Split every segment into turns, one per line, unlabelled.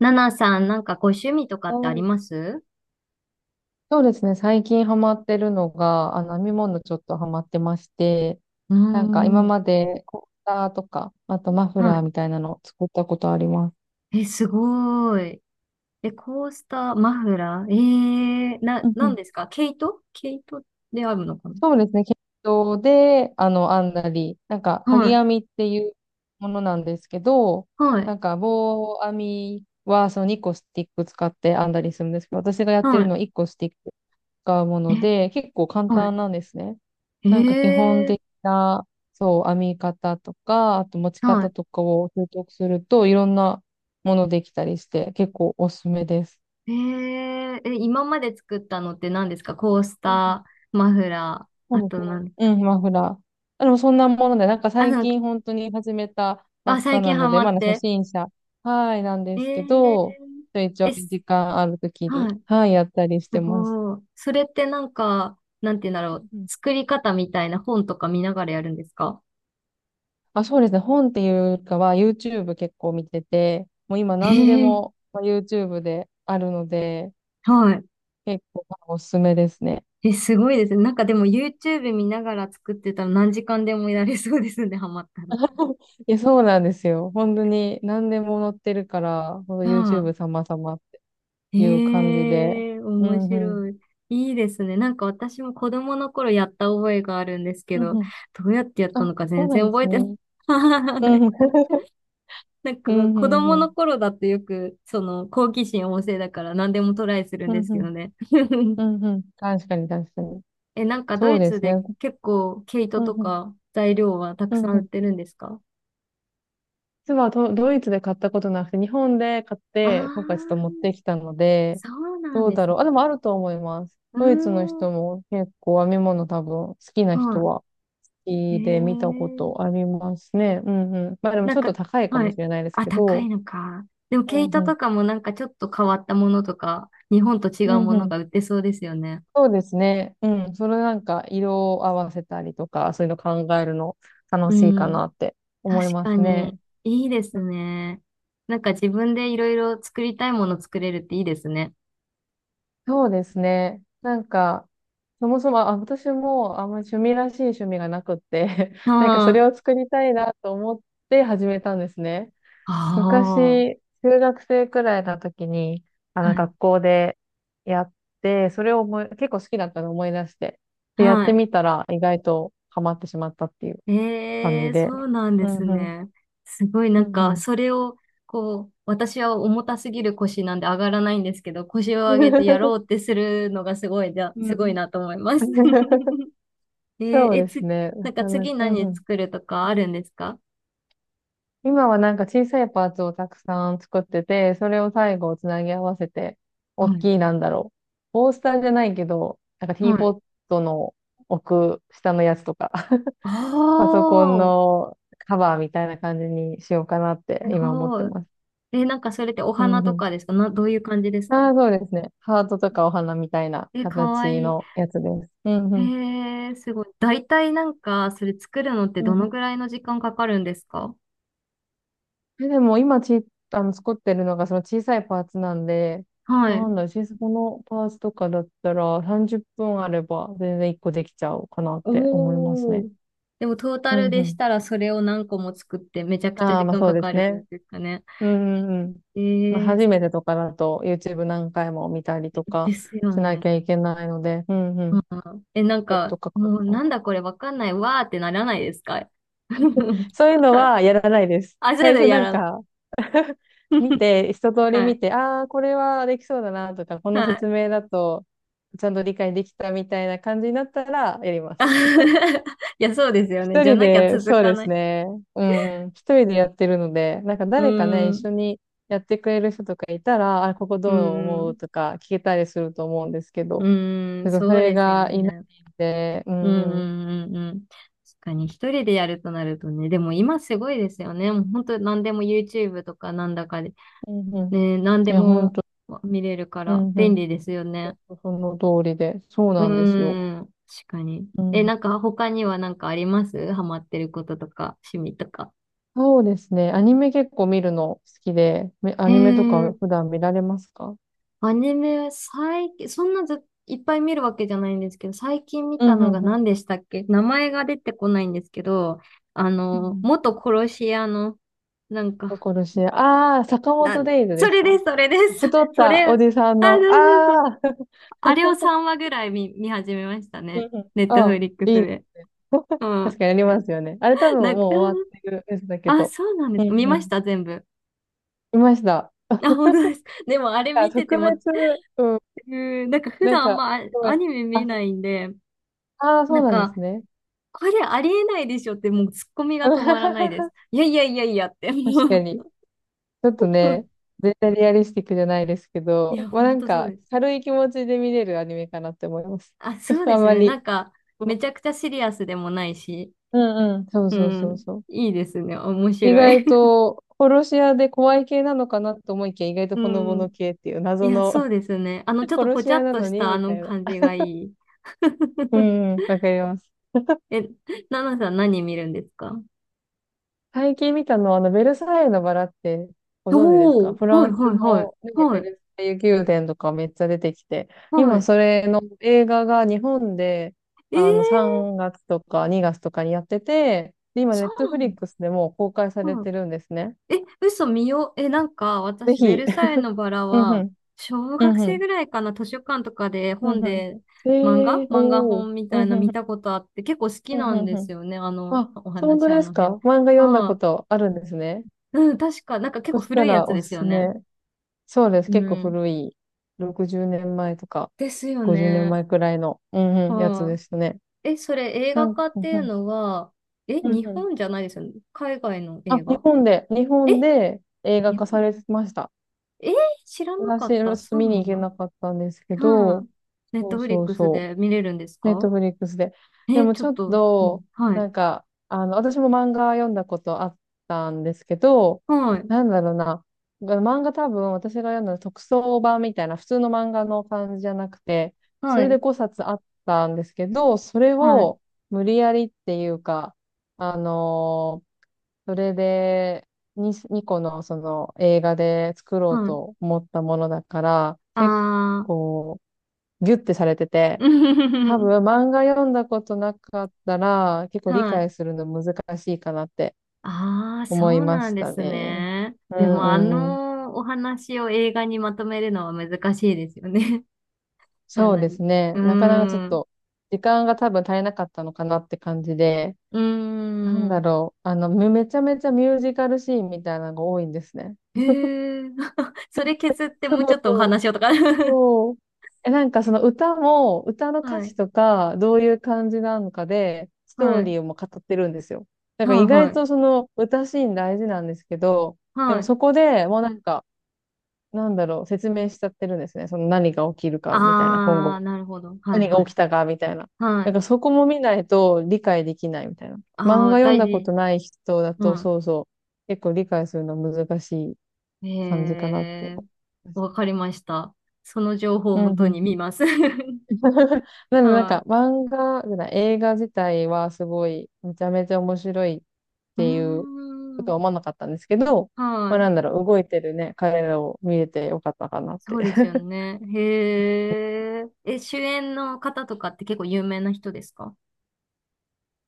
ナナさん、なんかご趣味とか
う
ってありま
ん。
す？
そうですね。最近ハマってるのが、編み物ちょっとハマってまして、
うー
なんか
ん。
今
は
までコースターとか、あとマフラーみたいなのを作ったことあります。
い。え、すごい。え、コースター、マフラー、
うんう
なん
ん。
ですか？毛糸、毛糸であるのか
そうですね。毛糸で、編んだり、なんか、
な？は
鍵
い。
編みっていうものなんですけど、
はい。
なんか、棒編みは、その2個スティック使って編んだりするんですけど、私がやって
は
るの
い。
は1個スティック使うも
え、
ので、結構簡
は
単なんですね。
い。
なんか基本的な、そう、編み方とか、あと持ち方
は
とかを習得すると、いろんなものできたりして、結構おすすめです。
い。今まで作ったのって何ですか？コース
うんう
タ
ん。
ー、マフラ
そ
ー、あ
うで
と
すね。
何？
うん、マフラー。でもそんなもので、なんか
あ、
最
なんか、
近本当に始めたば
あ、
っか
最近
な
ハ
ので、
マ
ま
っ
だ初
て。
心者、はい、なんで
え
すけど、
ー、
ちょいちょ
え、
い
す
時間あるときに、
はい。
はい、やったりし
す
てます。
ごい。それってなんか、なんて言うんだろう。作り方みたいな本とか見ながらやるんですか？
あ、そうですね。本っていうかは YouTube 結構見てて、もう今
え
何で
え。
も、まあ、YouTube であるので、
はい。
結構おすすめですね。
え、すごいですね。なんかでも YouTube 見ながら作ってたら何時間でもやれそうですね、ハマったら。
いや、そうなんですよ。本当に何でも載ってるから、ほんと
はい。
YouTube 様々っていう感じで。
ええ、
う
面
んうん。
白い。いいですね。なんか私も子供の頃やった覚えがあるんですけ
うん
ど、
うん。
どうやってやった
あ、
のか
そ
全
うな
然
んで
覚
す
えてない。
ね。
は
うんうん。
い。なん
う
か
んう
子
ん
供
う
の
ん。
頃だってよくその好奇心旺盛だから何でもトライするん
うん
です
う
けど
ん。
ね。
うんうん。確かに確かに。
え、なんかド
そう
イ
で
ツ
すね。
で結構毛糸
うん
と
うん。
か材料はたく
う
さ
ん
ん
う
売っ
ん。
てるんですか？
実はドイツで買ったことなくて、日本で買っ
ああ
て、今回ちょっと持っ
ー、
てきたので、
そうなん
どう
で
だ
すね。
ろう。あ、でもあると思います。
うー
ドイツの
ん、
人も結構編み物多分好きな人
は
は好
い。へ
きで見たことあ
え。
りますね。うんうん。まあでも
な
ち
ん
ょっ
か、
と高いか
は
もし
い。
れないです
あ、
け
高い
ど、
のか。でも
う
毛
ん
糸
うん。
とかもなんかちょっと変わったものとか、日本と違
う
う
ん
も
う
の
ん。
が売ってそうですよね。
そうですね。うん。それなんか色を合わせたりとか、そういうの考えるの楽
う
しいか
ん。
なって
確
思いま
か
す
に、
ね。
いいですね。なんか自分でいろいろ作りたいもの作れるっていいですね。
そうですね。なんか、そもそも、あ、私もあんまり趣味らしい趣味がなくって
あ
なんかそ
ー、
れを作りたいなと思って始めたんですね。
あ
昔、中学生くらいの時に、
ー、はい、
学校でやって、それを思い、結構好きだったのを思い出して、で、やっ
は
て
い。
みたら意外とハマってしまったっていう感
え
じ
え、そ
で。
うなん
う
です
んうん。
ね。すごい
う
なん
んう
か、
ん。
それを、こう、私は重たすぎる腰なんで上がらないんですけど、腰を上げてやろう ってするのが
う
すごい
ん。
なと思います。えー、
そう
え、
です
つ、
ね。
な
な
んか
かな
次
か、うんう
何
ん。
作るとかあるんですか？
今はなんか小さいパーツをたくさん作ってて、それを最後つなぎ合わせて、
は
大
い。
きいなんだろう。コースターじゃないけど、なんかティ
は
ーポ
い。
ットの奥下のやつとか、パソコン
ああ、
のカバーみたいな感じにしようかなって
す
今思って
ごい。
ます。
え、なんかそれってお
う
花
んう
と
ん。
かですか？どういう感じですか？
ああ、そうですね。ハートとかお花みたいな
え、かわ
形
いい。
のやつです。うん
え
う
すごい。大体なんか、それ作るのってどのぐ
ん。
らいの時間かかるんですか？
え、でも今ち、あの、作ってるのがその小さいパーツなんで、
は
な
い。
んだろう、小さこのパーツとかだったら30分あれば全然1個できちゃうかなって思います
お
ね。
ー。でもトー
う
タル
んう
でし
ん。
たらそれを何個も作ってめちゃくちゃ
ああ、
時
まあ
間
そう
か
で
か
すね。
るんですかね。
うんうんうん。
え
まあ
ー、
初めてとかだと YouTube 何回も見たりと
で
か
すよ
しな
ね。
きゃいけないので、うんう
う
ん。
ん。え、なん
ちょっ
か、
とかかっ
もう
たの
なん
か。
だこれわかんないわーってならないですか？
そういうのはやらないです。
焦
最
る
初
や
なん
らない。
か、見 て、一通り
は
見
い。
て、ああ、これはできそうだなとか、こ
は
の説
い。
明だと、ちゃんと理解できたみたいな感じになったらやりま
あ、
す。
いや、そうですよね。
一
じゃ
人
なきゃ
で、
続
そう
か
で
な
す
い。
ね。うんうん。一人でやってるので、なんか
う
誰かね、
ー
一
ん、
緒にやってくれる人とかいたら、あ、ここ
う
ど
ー
う思
ん、
うとか聞けたりすると思うんですけ
う
ど、
ー
ちょ
ん、
っとそ
そう
れ
ですよ
がいな
ね。
いんで、う
うん、
んうん。
うん、うん、うん。確かに、一人でやるとなるとね、でも今すごいですよね。もう本当何でも YouTube とかなんだかで、
うんうん。
ね、何
い
で
や、本
も
当、
見れるか
う
ら
んう
便
ん。
利ですよね。
その通りで、そう
う
なんですよ。
ーん、確かに。
うん
え、
う
な
ん。
んか他にはなんかあります？ハマってることとか、趣味とか。
そうですね。アニメ結構見るの好きで、ア
へ
ニメとか
ー。
普段見られますか？
アニメは最近、そんなず、いっぱい見るわけじゃないんですけど、最近見
う
た
ん
の
う
が
んうん。
何でしたっけ？名前が出てこないんですけど、
うん
元殺し屋の、なん
と
か、
ころし、ああ、坂
な、
本デイズ
そ
です
れで
か？
す、それです、
太 っ
そ
た
れ、あ、
おじさん
そ
の、
うそうそう、
あ
あれを3話ぐらい見、見始めました
うん。
ね。
うん、
ネット
あ、う
フリック
ん、
ス
いい。
で。う
確
ん。
かにあり ますよね。あれ多分
な
もう
んか、
終わってるやつだけ
あ、
ど、
そうなんで
う
すか？見
んう
まし
ん。
た、全部。
いました。
あ、本当です。でも、あれ
あ、
見てて
特
も、う
別、うん、
ん、なんか普
なん
段あん
か、
ま
す
ア
ご
ア
い。
ニメ見
あ、
ないんで、
ああ、そ
な
う
ん
なんです
か、
ね。
これありえないでしょって、もうツッコミが止まらないで す。いやいやいやいやって、
確
も
かに。
う。
ちょっとね、絶対リアリスティックじゃないですけ
い
ど、
や、
まあ
ほ
な
ん
ん
とそう
か
です。
軽い気持ちで見れるアニメかなって思います。
あ、そう で
あん
す
ま
ね。な
り。
んか、めちゃくちゃシリアスでもないし、
うんうん。そう
う
そうそう
ん、
そう。
いいですね。面
意
白い。
外 と、殺し屋で怖い系なのかなと思いきや、意外と
う
ほのぼの
ん。
系っていう
い
謎
や、
の。
そうですね。ちょ っと
殺
ぽ
し
ちゃ
屋
っ
な
と
の
し
に
たあ
みた
の
いな。
感じがいい。
う んうん、わかります。
え、ナナさん何見るんですか？
最近見たのは、ベルサイユのバラってご存知です
お
か？
お
フ
ー、
ラ
はい
ンス
はいはい、
の、ね、
は
ベ
い、
ルサイユ宮殿とかめっちゃ出てきて、
は
今
い。
それの映画が日本で、
えー、
3月とか2月とかにやってて、で、今、ネ
そ
ッ
う
トフ
な
リ
ん
ッ
だ。
クスでもう公開されてるんですね。
え、嘘。見よう。え、なんか、
ぜ
私、ベ
ひ。
ルサイユのバ ラ
うんう
は、
ん。
小
う
学
んう
生
ん。
ぐらいかな、図書館とかで
う
本
んうん。
で、漫
え
画
ー、
漫画
おー。
本み
う
た
ん
い
うん
な
うん。
見たことあって、結構好き
うん
な
う
ん
ん
で
う
す
ん。
よね、あの、
あ、
お
そう本当
話、あ
です
の
か？
辺。
漫画読んだ
あ
こ
あ、
とあるんですね。
うん、確か、なんか結
そ
構
した
古いや
ら
つ
お
です
す
よ
す
ね。
め。そうです。
う
結構
ん。
古い、60年前とか
ですよ
50年
ね。
前くらいの、うんうん、やつ
あ
で
あ。
すね。
え、それ映画化っ
うん
てい
う
う
ん、
のは、え、
うん
日
うん。
本じゃないですよね。海外の
あ、
映
日
画？
本で、日
え、
本で映画
日
化
本？
されてました。
えー知らなか
私、ち
っ
ょ
た。
っと
そう
見に
な
行
ん
け
だ。
なかったんですけ
は
ど、
い。ネッ
そ
ト
う
フリッ
そう
クス
そう。
で見れるんです
ネット
か？
フリックスで。で
え、
も
ちょ
ち
っ
ょっ
と、うん、
と、
はい。
なんか、私も漫画読んだことあったんですけど、
はい。
なんだろうな。漫画多分私が読んだの特装版みたいな普通の漫画の感じじゃなくて、そ
は
れで
い。
5冊あったんですけど、それ
はい。
を無理やりっていうか、あのーそれで2個のその映画で作ろう
はい。
と思ったものだから、結
あ
構ギュッてされてて、多
ー。
分 漫画読んだことなかったら結構理
はい。
解するの難しいかなって
あー、そ
思い
う
ま
なん
し
で
た
す
ね。
ね。
う
で
ん
も、あ
うんうん。
のお話を映画にまとめるのは難しいですよね。か
そう
な
です
り。
ね。
う
なかなかちょっ
ーん。
と時間が多分足りなかったのかなって感じで、
うー
なんだ
ん。
ろう。めちゃめちゃミュージカルシーンみたいなのが多いんですね。
へえ。それ削って
そ
もうちょっとお
う
話をとか。
そう。え、なんかその歌も、歌の歌
はい。
詞とか、どういう感じなのかで、スト
は
ーリ
い。
ーをもう語ってるんですよ。だから
は
意
い。は
外
い。
とその歌シーン大事なんですけど、で
は
も
い。
そこでもうなんか、なんだろう、説明しちゃってるんですね。その何が起きるかみたいな、今
あ
後。
ー、なるほど。はい
何が
は
起
い。
きたかみたいな。
は
だ
い。
からそこも見ないと理解できないみたいな。漫
ああ、
画読ん
大
だこ
事。
とない人だ
う
と、
ん。
そうそう、結構理解するの難しい感じ
え
かなって思
え、
います。
わかりました。その情報を
う
もとに
ん。
見ます。
なのでなん
は
か
い。
漫画じゃない、映画自体はすごいめちゃめちゃ面白いっ
うー
ていうこと
ん。
は思わなかったんですけど、
は
まあ
い。
なんだろう、動いてるね、彼らを見れてよかったかなっ
そ
て。
うですよ ね。へえ。え、主演の方とかって結構有名な人ですか？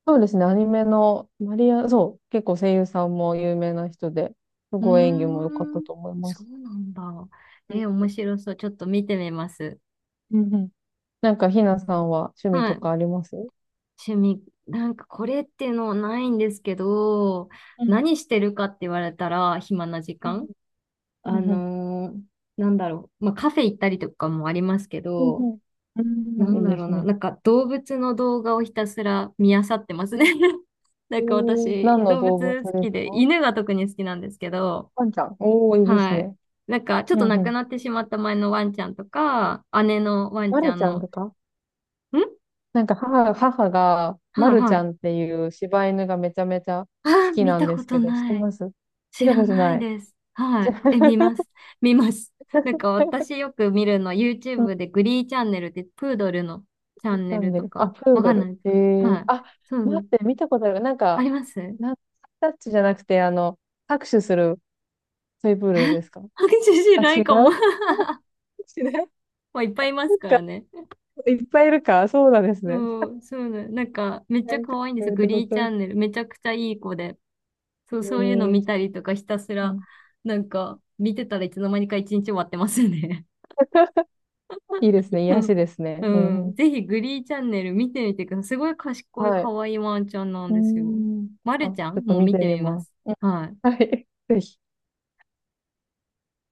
そうですね、アニメのマリア、そう、結構声優さんも有名な人で、す
うー
ごい演技も良かった
ん。
と思いま
そ
す。
うなんだ。
うん
え、面白そう。ちょっと見てみます。
うんうん。なんかひなさんは趣味
は
と
い。
かありますう？
趣味、なんかこれっていうのはないんですけど、
ん
何してるかって言われたら、暇な時
うん
間、
う
あ
んうん
のーなんだろう、まあ、カフェ行ったりとかもありますけ
うんう
ど、
んうん
な
う
ん
ん、いい
だ
で
ろう
す
な、
ね。
なんか動物の動画をひたすら見漁ってます
う
ね。
ん。
なんか私、
何の
動
動物
物好
で
き
す
で、
か？
犬が特に好きなんですけど、
ワンちゃん。おー、いいです
はい。
ね。
なんかちょっ
う
と
んう
亡く
ん。
なってしまった前のワンちゃんとか、姉のワン
ま
ちゃ
る
ん
ちゃ
の、
ん
ん。
とか、なんか母が、ま
はい
るち
は
ゃ
い。
んっていう柴犬がめちゃめちゃ
あ
好
ー、
き
見
な
た
んで
こ
す
と
けど、知って
ない。
ます？
知
見た
ら
こと
ない
ない。
です。は
じゃ
い。え、見
あ、
ます。見ます。なんか 私よく見るの、
うん、チ
YouTube でグリーチャンネルってプードルのチャンネ
ャン
ル
ネ
と
ル。あ、
か、
プー
わか
ド
んな
ル。
いです
え
か？は
ー、
い。
あ、
そうそ
待
う。
って、見たことある。なん
あり
か、
ます？
なんタッチじゃなくて、拍手するトイプードルですか？
知ら
あ、違
ないかも。
う。 違う。な
まあ、いっぱいいます
ん
から
か、
ね。
いっぱいいるか。そうなんですね。
そう、なんか、めっち
な
ゃ
んか、
可愛いんで
ど
す
う
よ。
い
グ
うこ
リーチ
と？
ャンネル。めちゃくちゃいい子で。そう、
え
そういうの
ー、
見たりとか、ひたす
う
ら、
ん。
なんか、見てたらいつの間にか一日終わってますね。
いいですね。
う
癒し
ん。
ですね。う
う
んう
ん、
ん。
ぜひグリーチャンネル見てみてください。すごい賢い
はい。
可愛いワンちゃんな
う
ん
ー
ですよ。
ん。
ま
あ、ち
るちゃ
ょ
ん
っと
も
見
見
て
て
み
みま
ます。
す。はい。
はい。ぜひ。